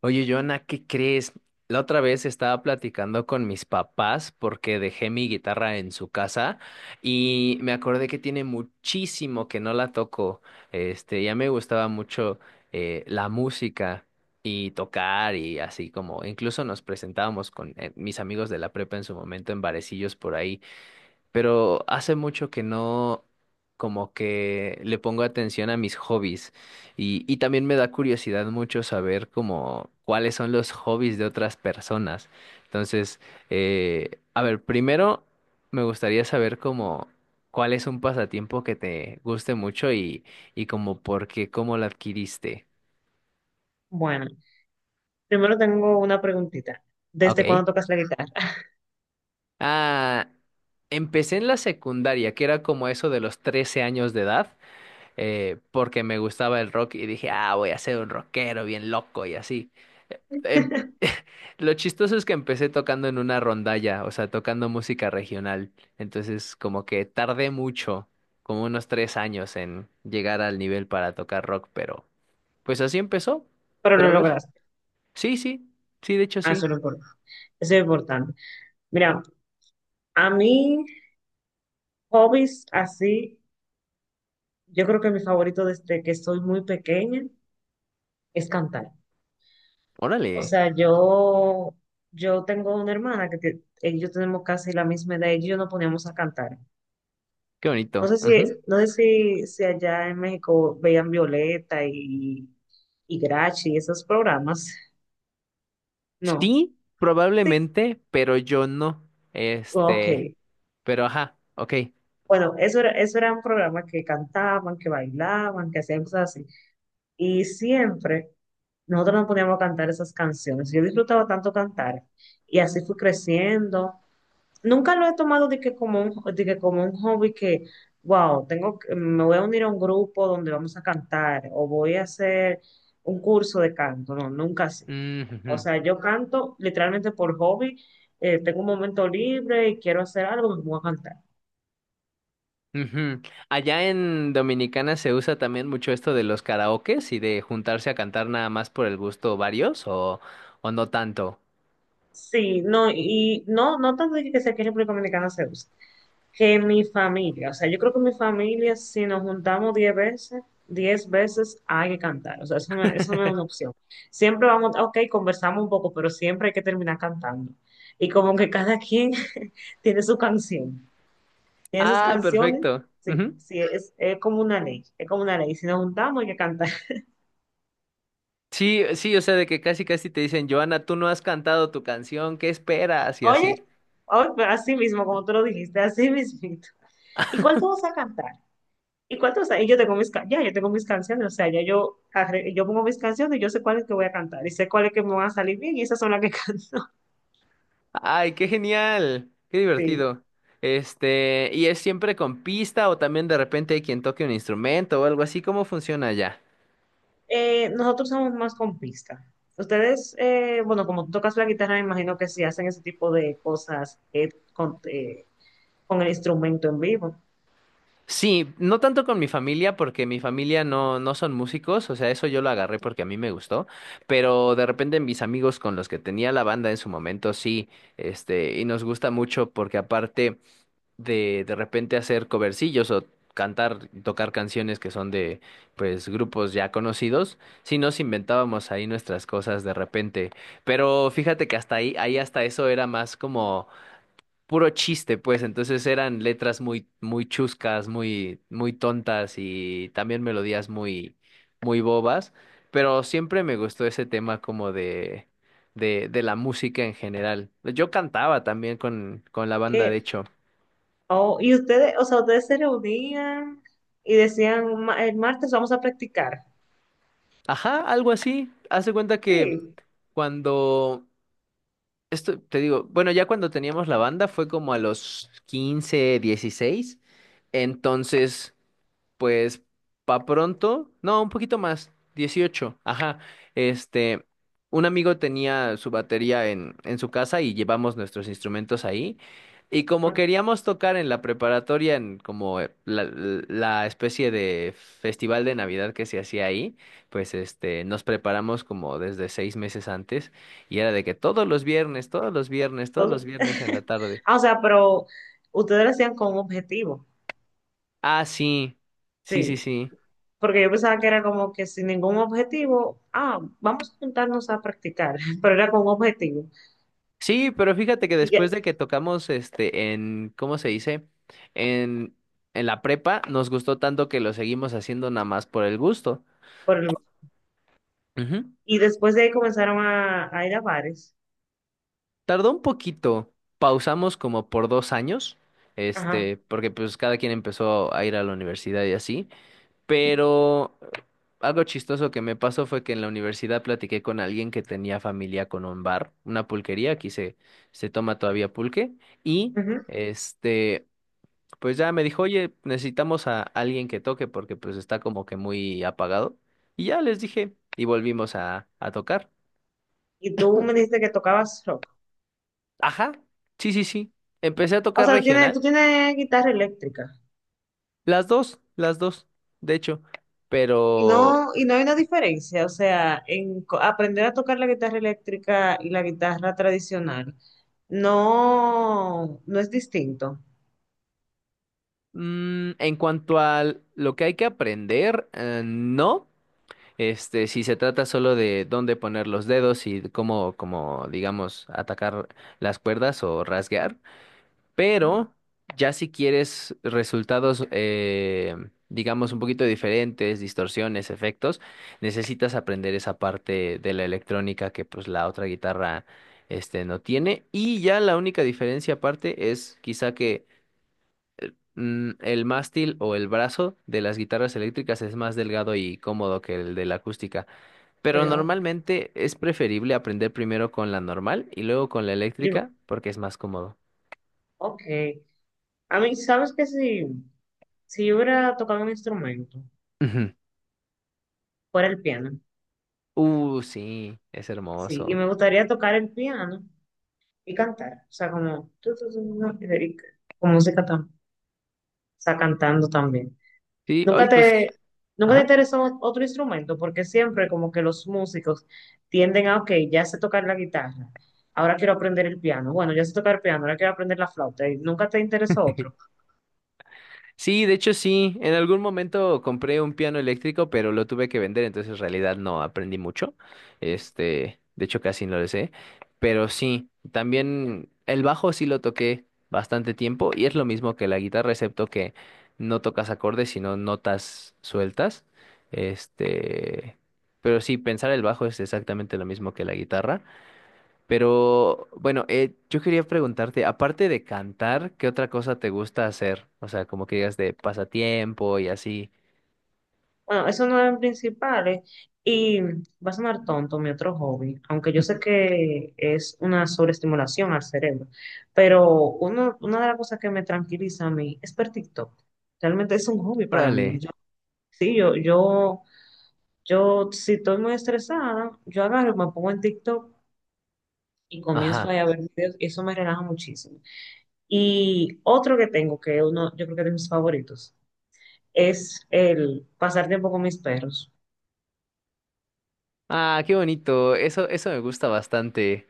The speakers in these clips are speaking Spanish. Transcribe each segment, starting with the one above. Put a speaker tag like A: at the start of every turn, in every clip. A: Oye, Joana, ¿qué crees? La otra vez estaba platicando con mis papás porque dejé mi guitarra en su casa y me acordé que tiene muchísimo que no la toco. Ya me gustaba mucho la música y tocar y así como incluso nos presentábamos con mis amigos de la prepa en su momento en barecillos por ahí pero hace mucho que no como que le pongo atención a mis hobbies y también me da curiosidad mucho saber como cuáles son los hobbies de otras personas. Entonces, a ver, primero me gustaría saber como cuál es un pasatiempo que te guste mucho y como por qué, cómo lo adquiriste.
B: Bueno, primero tengo una preguntita.
A: Ah,
B: ¿Desde
A: Ok.
B: cuándo tocas la guitarra?
A: Ah, empecé en la secundaria, que era como eso de los 13 años de edad. Porque me gustaba el rock y dije, ah, voy a ser un rockero bien loco y así. Em- Lo chistoso es que empecé tocando en una rondalla, o sea, tocando música regional. Entonces, como que tardé mucho, como unos 3 años en llegar al nivel para tocar rock, pero pues así empezó.
B: Pero
A: Pero
B: lo
A: a ver,
B: lograste.
A: sí, sí, sí, de hecho
B: Ah, eso
A: sí.
B: es lo importante. Eso es importante. Mira, a mí, hobbies así, yo creo que mi favorito desde que soy muy pequeña es cantar. O
A: Órale,
B: sea, yo tengo una hermana que yo tenemos casi la misma edad y ella y yo nos poníamos a cantar.
A: qué
B: No
A: bonito.
B: sé si,
A: Ujú.
B: no sé si, si allá en México veían Violeta y Grachi, esos programas. No.
A: Sí,
B: Sí.
A: probablemente, pero yo no.
B: Ok.
A: Este, pero ajá, ok.
B: Bueno, eso era un programa que cantaban, que bailaban, que hacían cosas así. Y siempre nosotros nos poníamos a cantar esas canciones. Yo disfrutaba tanto cantar y así fui creciendo. Nunca lo he tomado de que como un hobby que, wow, tengo que- me voy a unir a un grupo donde vamos a cantar o voy a hacer un curso de canto. No, nunca así. O
A: Ujujú.
B: sea, yo canto literalmente por hobby. Tengo un momento libre y quiero hacer algo, me pongo a cantar.
A: Ujú. Allá en Dominicana se usa también mucho esto de los karaokes y de juntarse a cantar nada más por el gusto varios o no tanto.
B: Sí, no, y no, no tanto de que sea que en República Dominicana se usa, que mi familia, o sea, yo creo que mi familia, si nos juntamos 10 veces hay que cantar, o sea, eso no es una opción. Siempre vamos, ok, conversamos un poco, pero siempre hay que terminar cantando. Y como que cada quien tiene su canción, tiene sus
A: Ah,
B: canciones,
A: perfecto.
B: sí,
A: Ujú.
B: sí, es como una ley, es como una ley, si nos juntamos hay que cantar.
A: Sí, sí, o sea, de que casi casi te dicen, Joana, tú no has cantado tu canción, ¿qué esperas? Y
B: Oye,
A: así.
B: oye, pues, así mismo, como tú lo dijiste, así mismito. ¿Y cuál tú vas a cantar? ¿Y cuántos años? Yo tengo mis, ca- ya, yo tengo mis canciones, o sea, ya yo, arre- yo pongo mis canciones, yo sé cuáles que voy a cantar y sé cuáles que me van a salir bien y esas son las que canto.
A: Ay, qué genial, qué
B: Sí.
A: divertido. Este, ¿y es siempre con pista o también de repente hay quien toque un instrumento o algo así? ¿Cómo funciona allá?
B: Nosotros somos más con pista. Ustedes, bueno, como tú tocas la guitarra, me imagino que sí hacen ese tipo de cosas con con el instrumento en vivo.
A: Sí, no tanto con mi familia, porque mi familia no, no son músicos, o sea, eso yo lo agarré porque a mí me gustó, pero de repente mis amigos con los que tenía la banda en su momento, sí, y nos gusta mucho porque aparte de repente hacer covercillos o cantar, tocar canciones que son de, pues, grupos ya conocidos, sí nos inventábamos ahí nuestras cosas de repente, pero fíjate que hasta ahí, ahí hasta eso era más como puro chiste, pues. Entonces eran letras muy, muy chuscas, muy, muy tontas y también melodías muy, muy bobas. Pero siempre me gustó ese tema como de, de la música en general. Yo cantaba también con la banda,
B: Eh,
A: de hecho.
B: oh, y ustedes, o sea, ustedes se reunían y decían, "Ma- el martes vamos a practicar".
A: Ajá, algo así. Haz de cuenta que
B: Sí.
A: cuando, esto te digo, bueno, ya cuando teníamos la banda fue como a los 15 16. Entonces. Pues pa' pronto, no, un poquito más, 18. Ajá. Este, un amigo tenía su batería en su casa y llevamos nuestros instrumentos ahí. Y como
B: Ok.
A: queríamos tocar en la preparatoria, en como la especie de festival de Navidad que se hacía ahí, pues nos preparamos como desde 6 meses antes y era de que todos los viernes, todos los viernes, todos los
B: Entonces,
A: viernes en la tarde.
B: ah, o sea, pero ustedes lo hacían con un objetivo.
A: Ah, sí, sí, sí,
B: Sí,
A: sí.
B: porque yo pensaba que era como que sin ningún objetivo, ah, vamos a juntarnos a practicar, pero era con un objetivo.
A: Sí, pero fíjate que
B: Y ya,
A: después de que tocamos en, ¿cómo se dice? En, en la prepa, nos gustó tanto que lo seguimos haciendo nada más por el gusto.
B: por el-
A: Ujú.
B: y después de ahí comenzaron a ir a bares.
A: Tardó un poquito, pausamos como por 2 años,
B: Ajá.
A: porque pues cada quien empezó a ir a la universidad y así, pero algo chistoso que me pasó fue que en la universidad platiqué con alguien que tenía familia con un bar, una pulquería, aquí se, se toma todavía pulque, y...
B: Ujú.
A: Este, pues ya me dijo, oye, necesitamos a alguien que toque porque pues está como que muy apagado. Y ya les dije, y volvimos a tocar.
B: Y tú me dijiste que tocabas rock.
A: Ajá, sí, sí, sí. Empecé a
B: O
A: tocar
B: sea, tú
A: regional,
B: tienes guitarra eléctrica.
A: las dos, de hecho. Pero
B: Y no hay una diferencia, o sea, en co- aprender a tocar la guitarra eléctrica y la guitarra tradicional, no, no es distinto.
A: en cuanto a lo que hay que aprender, no. Si se trata solo de dónde poner los dedos y cómo, como digamos, atacar las cuerdas o rasguear.
B: Ujú.
A: Pero ya si quieres resultados, digamos, un poquito diferentes, distorsiones, efectos, necesitas aprender esa parte de la electrónica que pues la otra guitarra no tiene. Y ya la única diferencia aparte es quizá que el mástil o el brazo de las guitarras eléctricas es más delgado y cómodo que el de la acústica. Pero
B: Ok.
A: normalmente es preferible aprender primero con la normal y luego con la
B: Yo-
A: eléctrica porque es más cómodo.
B: ok. A mí, ¿sabes que Si, si yo hubiera tocado un instrumento, fuera el piano,
A: Sí, es
B: sí, y
A: hermoso.
B: me gustaría tocar el piano y cantar, o sea, como, Federica, con música tam- o sea, cantando también.
A: Sí, hoy
B: Nunca
A: pues,
B: te, nunca te
A: ajá.
B: interesó otro instrumento, porque siempre como que los músicos tienden a, ok, ya sé tocar la guitarra, ahora quiero aprender el piano, bueno, ya sé tocar el piano, ahora quiero aprender la flauta, y nunca te interesó otro.
A: Sí, de hecho sí, en algún momento compré un piano eléctrico, pero lo tuve que vender, entonces en realidad no aprendí mucho. De hecho casi no lo sé, pero sí, también el bajo sí lo toqué bastante tiempo y es lo mismo que la guitarra, excepto que no tocas acordes, sino notas sueltas. Este, pero sí, pensar el bajo es exactamente lo mismo que la guitarra. Pero bueno, yo quería preguntarte, aparte de cantar, ¿qué otra cosa te gusta hacer? O sea, como que digas de pasatiempo y así.
B: Bueno, eso no es principales. Y va a sonar tonto mi otro hobby, aunque yo sé que es una sobreestimulación al cerebro, pero una de las cosas que me tranquiliza a mí es ver TikTok. Realmente es un hobby para mí.
A: Órale.
B: Sí, yo, si estoy muy estresada, yo agarro, me pongo en TikTok y comienzo
A: Ajá.
B: ahí a ver videos y eso me relaja muchísimo. Y otro que tengo, que uno, yo creo que es de mis favoritos, es el pasar tiempo con mis perros.
A: Ah, qué bonito. Eso me gusta bastante.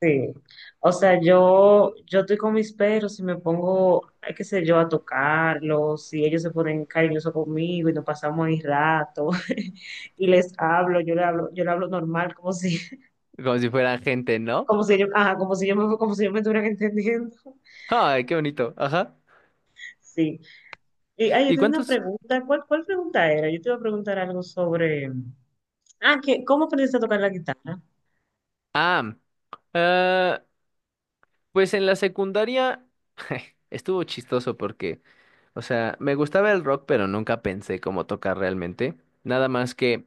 B: Sí, o sea, yo estoy con mis perros y me pongo, qué sé yo, a tocarlos, y ellos se ponen cariñosos conmigo y nos pasamos ahí rato, y les hablo, yo le hablo normal, como si,
A: Como si fuera gente, ¿no?
B: como si yo, ajá, como si yo me estuvieran entendiendo.
A: Ay, qué bonito. Ajá.
B: Sí. Y ay, yo
A: ¿Y
B: tengo una
A: cuántos?
B: pregunta, ¿cuál pregunta era? Yo te iba a preguntar algo sobre, ah, que, ¿cómo aprendiste a tocar la guitarra?
A: Ah, ah, pues en la secundaria estuvo chistoso porque, o sea, me gustaba el rock, pero nunca pensé cómo tocar realmente. Nada más que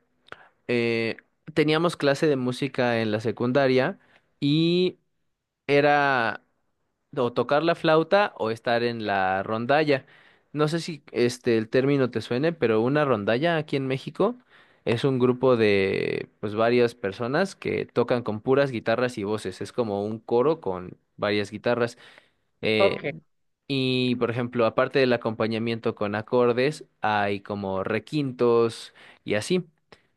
A: eh, teníamos clase de música en la secundaria y era o tocar la flauta o estar en la rondalla. No sé si el término te suene, pero una rondalla aquí en México es un grupo de pues varias personas que tocan con puras guitarras y voces. Es como un coro con varias guitarras.
B: Ok.
A: Eh, y, por ejemplo, aparte del acompañamiento con acordes, hay como requintos y así.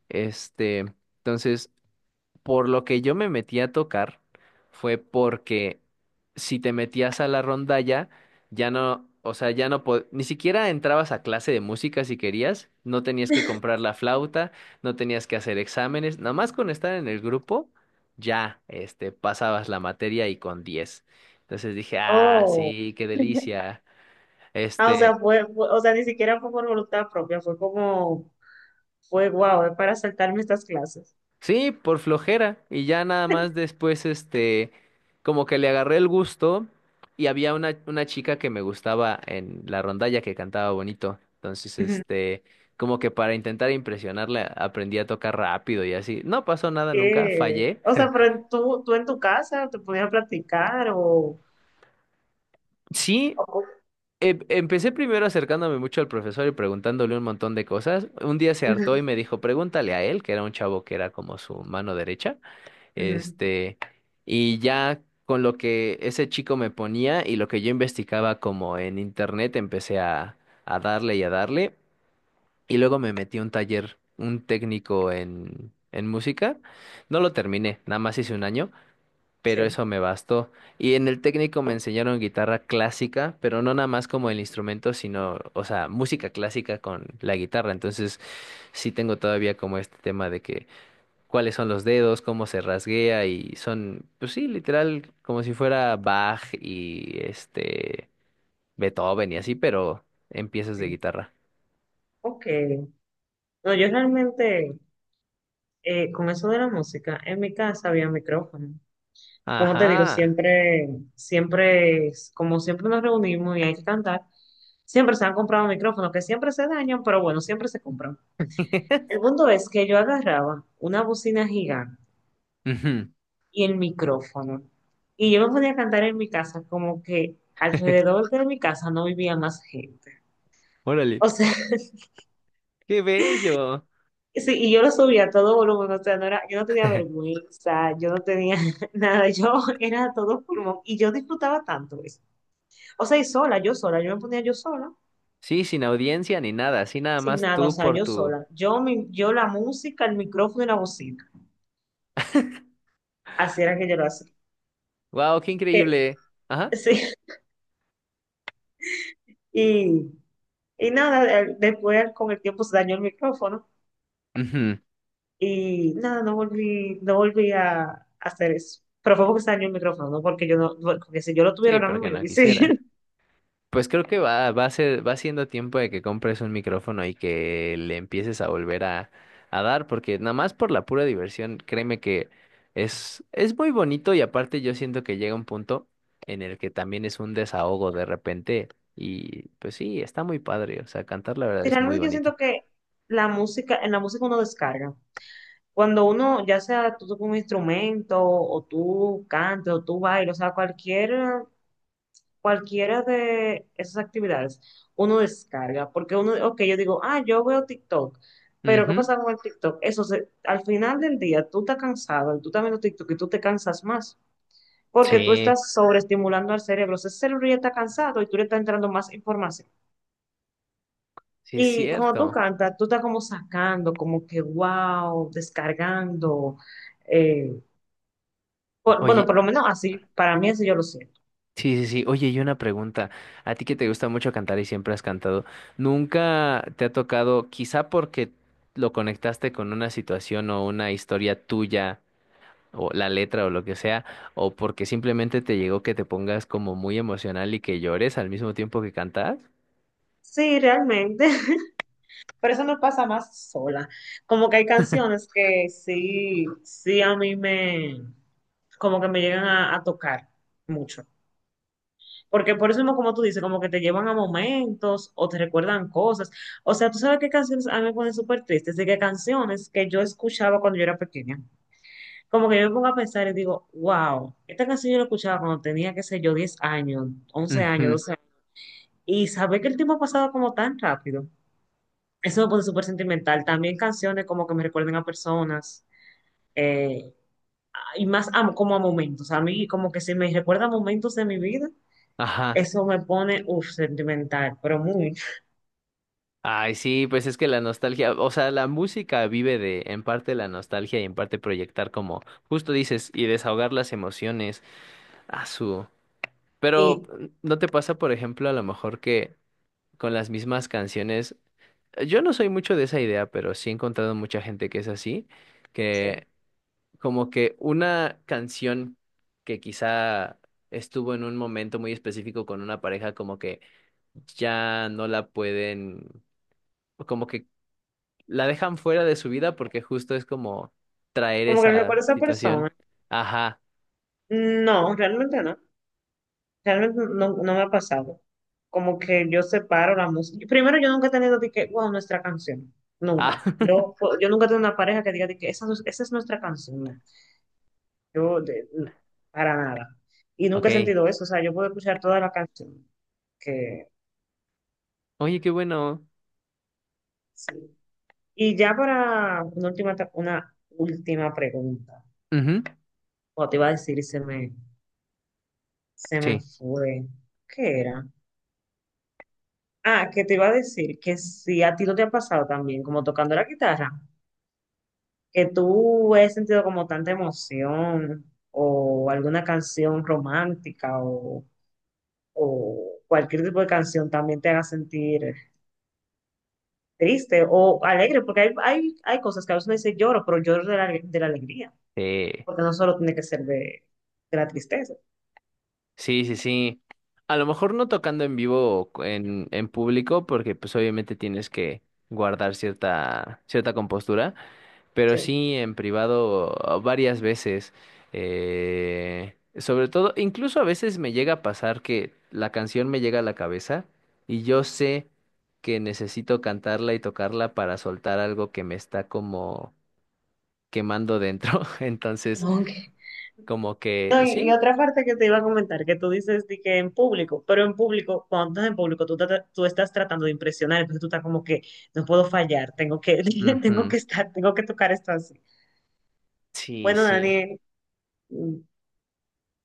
A: Este, entonces, por lo que yo me metí a tocar fue porque si te metías a la rondalla, ya no, o sea, ya no, po- ni siquiera entrabas a clase de música si querías, no tenías que comprar la flauta, no tenías que hacer exámenes, nada más con estar en el grupo, ya, pasabas la materia y con 10. Entonces dije, ah,
B: Oh.
A: sí, qué delicia.
B: Ah, o sea,
A: Este,
B: o sea, ni siquiera fue por voluntad propia, fue como fue guau para saltarme estas clases.
A: Sí, por flojera. Y ya nada más después, como que le agarré el gusto y había una chica que me gustaba en la rondalla que cantaba bonito. Entonces,
B: Ujú.
A: como que para intentar impresionarla, aprendí a tocar rápido y así. No pasó nada nunca,
B: Que,
A: fallé.
B: o sea, pero en tú en tu casa te podías practicar o...
A: Sí,
B: o-
A: empecé primero acercándome mucho al profesor y preguntándole un montón de cosas. Un día se
B: ujú,
A: hartó y me dijo, pregúntale a él, que era un chavo que era como su mano derecha.
B: ujú.
A: Este, y ya con lo que ese chico me ponía y lo que yo investigaba como en internet, empecé a darle y a darle. Y luego me metí a un taller, un técnico en música. No lo terminé, nada más hice un año, pero
B: Sí,
A: eso me bastó. Y en el técnico me enseñaron guitarra clásica, pero no nada más como el instrumento, sino, o sea, música clásica con la guitarra. Entonces, sí tengo todavía como este tema de que cuáles son los dedos, cómo se rasguea y son, pues sí, literal, como si fuera Bach y Beethoven y así, pero en piezas de
B: sí.
A: guitarra.
B: Ok. No, yo realmente, con eso de la música, en mi casa había micrófono. Como te digo,
A: Ajá.
B: siempre, siempre, es- como siempre nos reunimos y hay que cantar, siempre se han comprado micrófonos que siempre se dañan, pero bueno, siempre se compran. El punto es que yo agarraba una bocina gigante
A: Ujú.
B: y el micrófono. Y yo me podía cantar en mi casa, como que alrededor de mi casa no vivía más gente.
A: Órale,
B: O sea,
A: qué bello.
B: sí, y yo lo subía a todo volumen, o sea, no era, yo no tenía vergüenza, yo no tenía nada, yo era a todo pulmón y yo disfrutaba tanto eso. O sea, y sola, yo me ponía yo sola,
A: Sí, sin audiencia ni nada, así nada
B: sin
A: más
B: nada, o
A: tú
B: sea,
A: por
B: yo
A: tu.
B: sola. Yo la música, el micrófono y la bocina. Así era que yo lo hacía.
A: Wow, qué
B: Eh,
A: increíble. Ajá.
B: sí, y, y nada, después con el tiempo se dañó el micrófono.
A: Ujú.
B: Y nada, no volví a hacer eso. Pero fue porque se dañó el micrófono, no porque yo porque si yo lo tuviera
A: Sí,
B: ahora mismo,
A: porque
B: yo
A: no
B: hubiese.
A: quisiera. Pues creo que va siendo tiempo de que compres un micrófono y que le empieces a volver a dar, porque nada más por la pura diversión, créeme que es muy bonito y aparte yo siento que llega un punto en el que también es un desahogo de repente y pues sí, está muy padre, o sea, cantar la verdad es muy
B: Realmente yo
A: bonito.
B: siento que la música, en la música uno descarga. Cuando uno, ya sea tú tocas un instrumento, o tú cantes, o tú bailas, o sea, cualquiera de esas actividades, uno descarga. Porque uno, ok, yo digo, ah, yo veo TikTok. Pero ¿qué pasa
A: Ujú.
B: con el TikTok? Eso, se- al final del día, tú estás cansado, y tú también lo TikTok y tú te cansas más. Porque tú
A: Sí,
B: estás sobreestimulando al cerebro. O sea, ese cerebro ya está cansado y tú le estás entrando más información.
A: sí es
B: Y cuando tú
A: cierto.
B: cantas, tú estás como sacando, como que wow, descargando. eh, por- bueno,
A: Oye,
B: por lo menos así, para mí así yo lo siento.
A: sí, sí, sí. Oye, y una pregunta. A ti que te gusta mucho cantar y siempre has cantado, ¿nunca te ha tocado, quizá porque lo conectaste con una situación o una historia tuya, o la letra o lo que sea, o porque simplemente te llegó que te pongas como muy emocional y que llores al mismo tiempo que cantas?
B: Sí, realmente, pero eso no pasa más sola. Como que hay canciones que sí, como que me llegan a tocar mucho. Porque por eso mismo, como tú dices, como que te llevan a momentos o te recuerdan cosas. O sea, tú sabes qué canciones a mí me ponen súper tristes, de qué canciones que yo escuchaba cuando yo era pequeña. Como que yo me pongo a pensar y digo, wow, esta canción yo la escuchaba cuando tenía, qué sé yo, 10 años, 11 años,
A: Ujú,
B: 12 años. Y saber que el tiempo ha pasado como tan rápido. Eso me pone súper sentimental. También canciones como que me recuerden a personas. eh, y más a- como a momentos. A mí como que si me recuerda momentos de mi vida.
A: ajá.
B: Eso me pone, uff, sentimental, pero muy.
A: Ay, sí, pues es que la nostalgia, o sea, la música vive de, en parte la nostalgia y en parte proyectar como, justo dices, y desahogar las emociones. A su... Pero
B: Y
A: ¿no te pasa, por ejemplo, a lo mejor que con las mismas canciones, yo no soy mucho de esa idea, pero sí he encontrado mucha gente que es así,
B: sí,
A: que como que una canción que quizá estuvo en un momento muy específico con una pareja, como que ya no la pueden, o como que la dejan fuera de su vida porque justo es como traer
B: como que
A: esa
B: recuerdo a esa persona.
A: situación. Ajá.
B: No, realmente no. Realmente no, no me ha pasado. Como que yo separo la música. Primero, yo nunca he tenido de que, wow, nuestra canción.
A: Ah,
B: Nunca. Yo nunca he tenido una pareja que diga de que esa es nuestra canción. No. Yo, de- no, para nada. Y nunca he
A: ok.
B: sentido eso. O sea, yo puedo escuchar toda la canción. Que
A: Oye, qué bueno.
B: sí. Y ya para una última pregunta.
A: Ujú,
B: O te iba a decir, se me
A: sí.
B: fue. ¿Qué era? Ah, que te iba a decir que si a ti no te ha pasado también, como tocando la guitarra, que tú has sentido como tanta emoción o alguna canción romántica o cualquier tipo de canción también te haga sentir triste o alegre, porque hay cosas que a veces uno dice lloro, pero lloro de de la alegría,
A: Sí.
B: porque no solo tiene que ser de la tristeza.
A: Sí, sí, sí. A lo mejor no tocando en vivo o en público, porque pues obviamente tienes que guardar cierta, cierta compostura, pero
B: Sí.
A: sí en privado varias veces. Sobre todo, incluso a veces me llega a pasar que la canción me llega a la cabeza y yo sé que necesito cantarla y tocarla para soltar algo que me está como quemando dentro. Entonces,
B: Ok.
A: como que
B: No, y
A: sí.
B: otra parte que te iba a comentar, que tú dices de que en público, pero en público, cuando estás en público, tú estás tratando de impresionar, entonces tú estás como que no puedo fallar, tengo que, tengo
A: Ujú,
B: que estar, tengo que tocar esto así.
A: sí,
B: Bueno,
A: sí.
B: Daniel,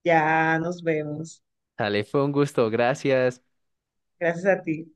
B: ya nos vemos.
A: Dale, fue un gusto, gracias.
B: Gracias a ti.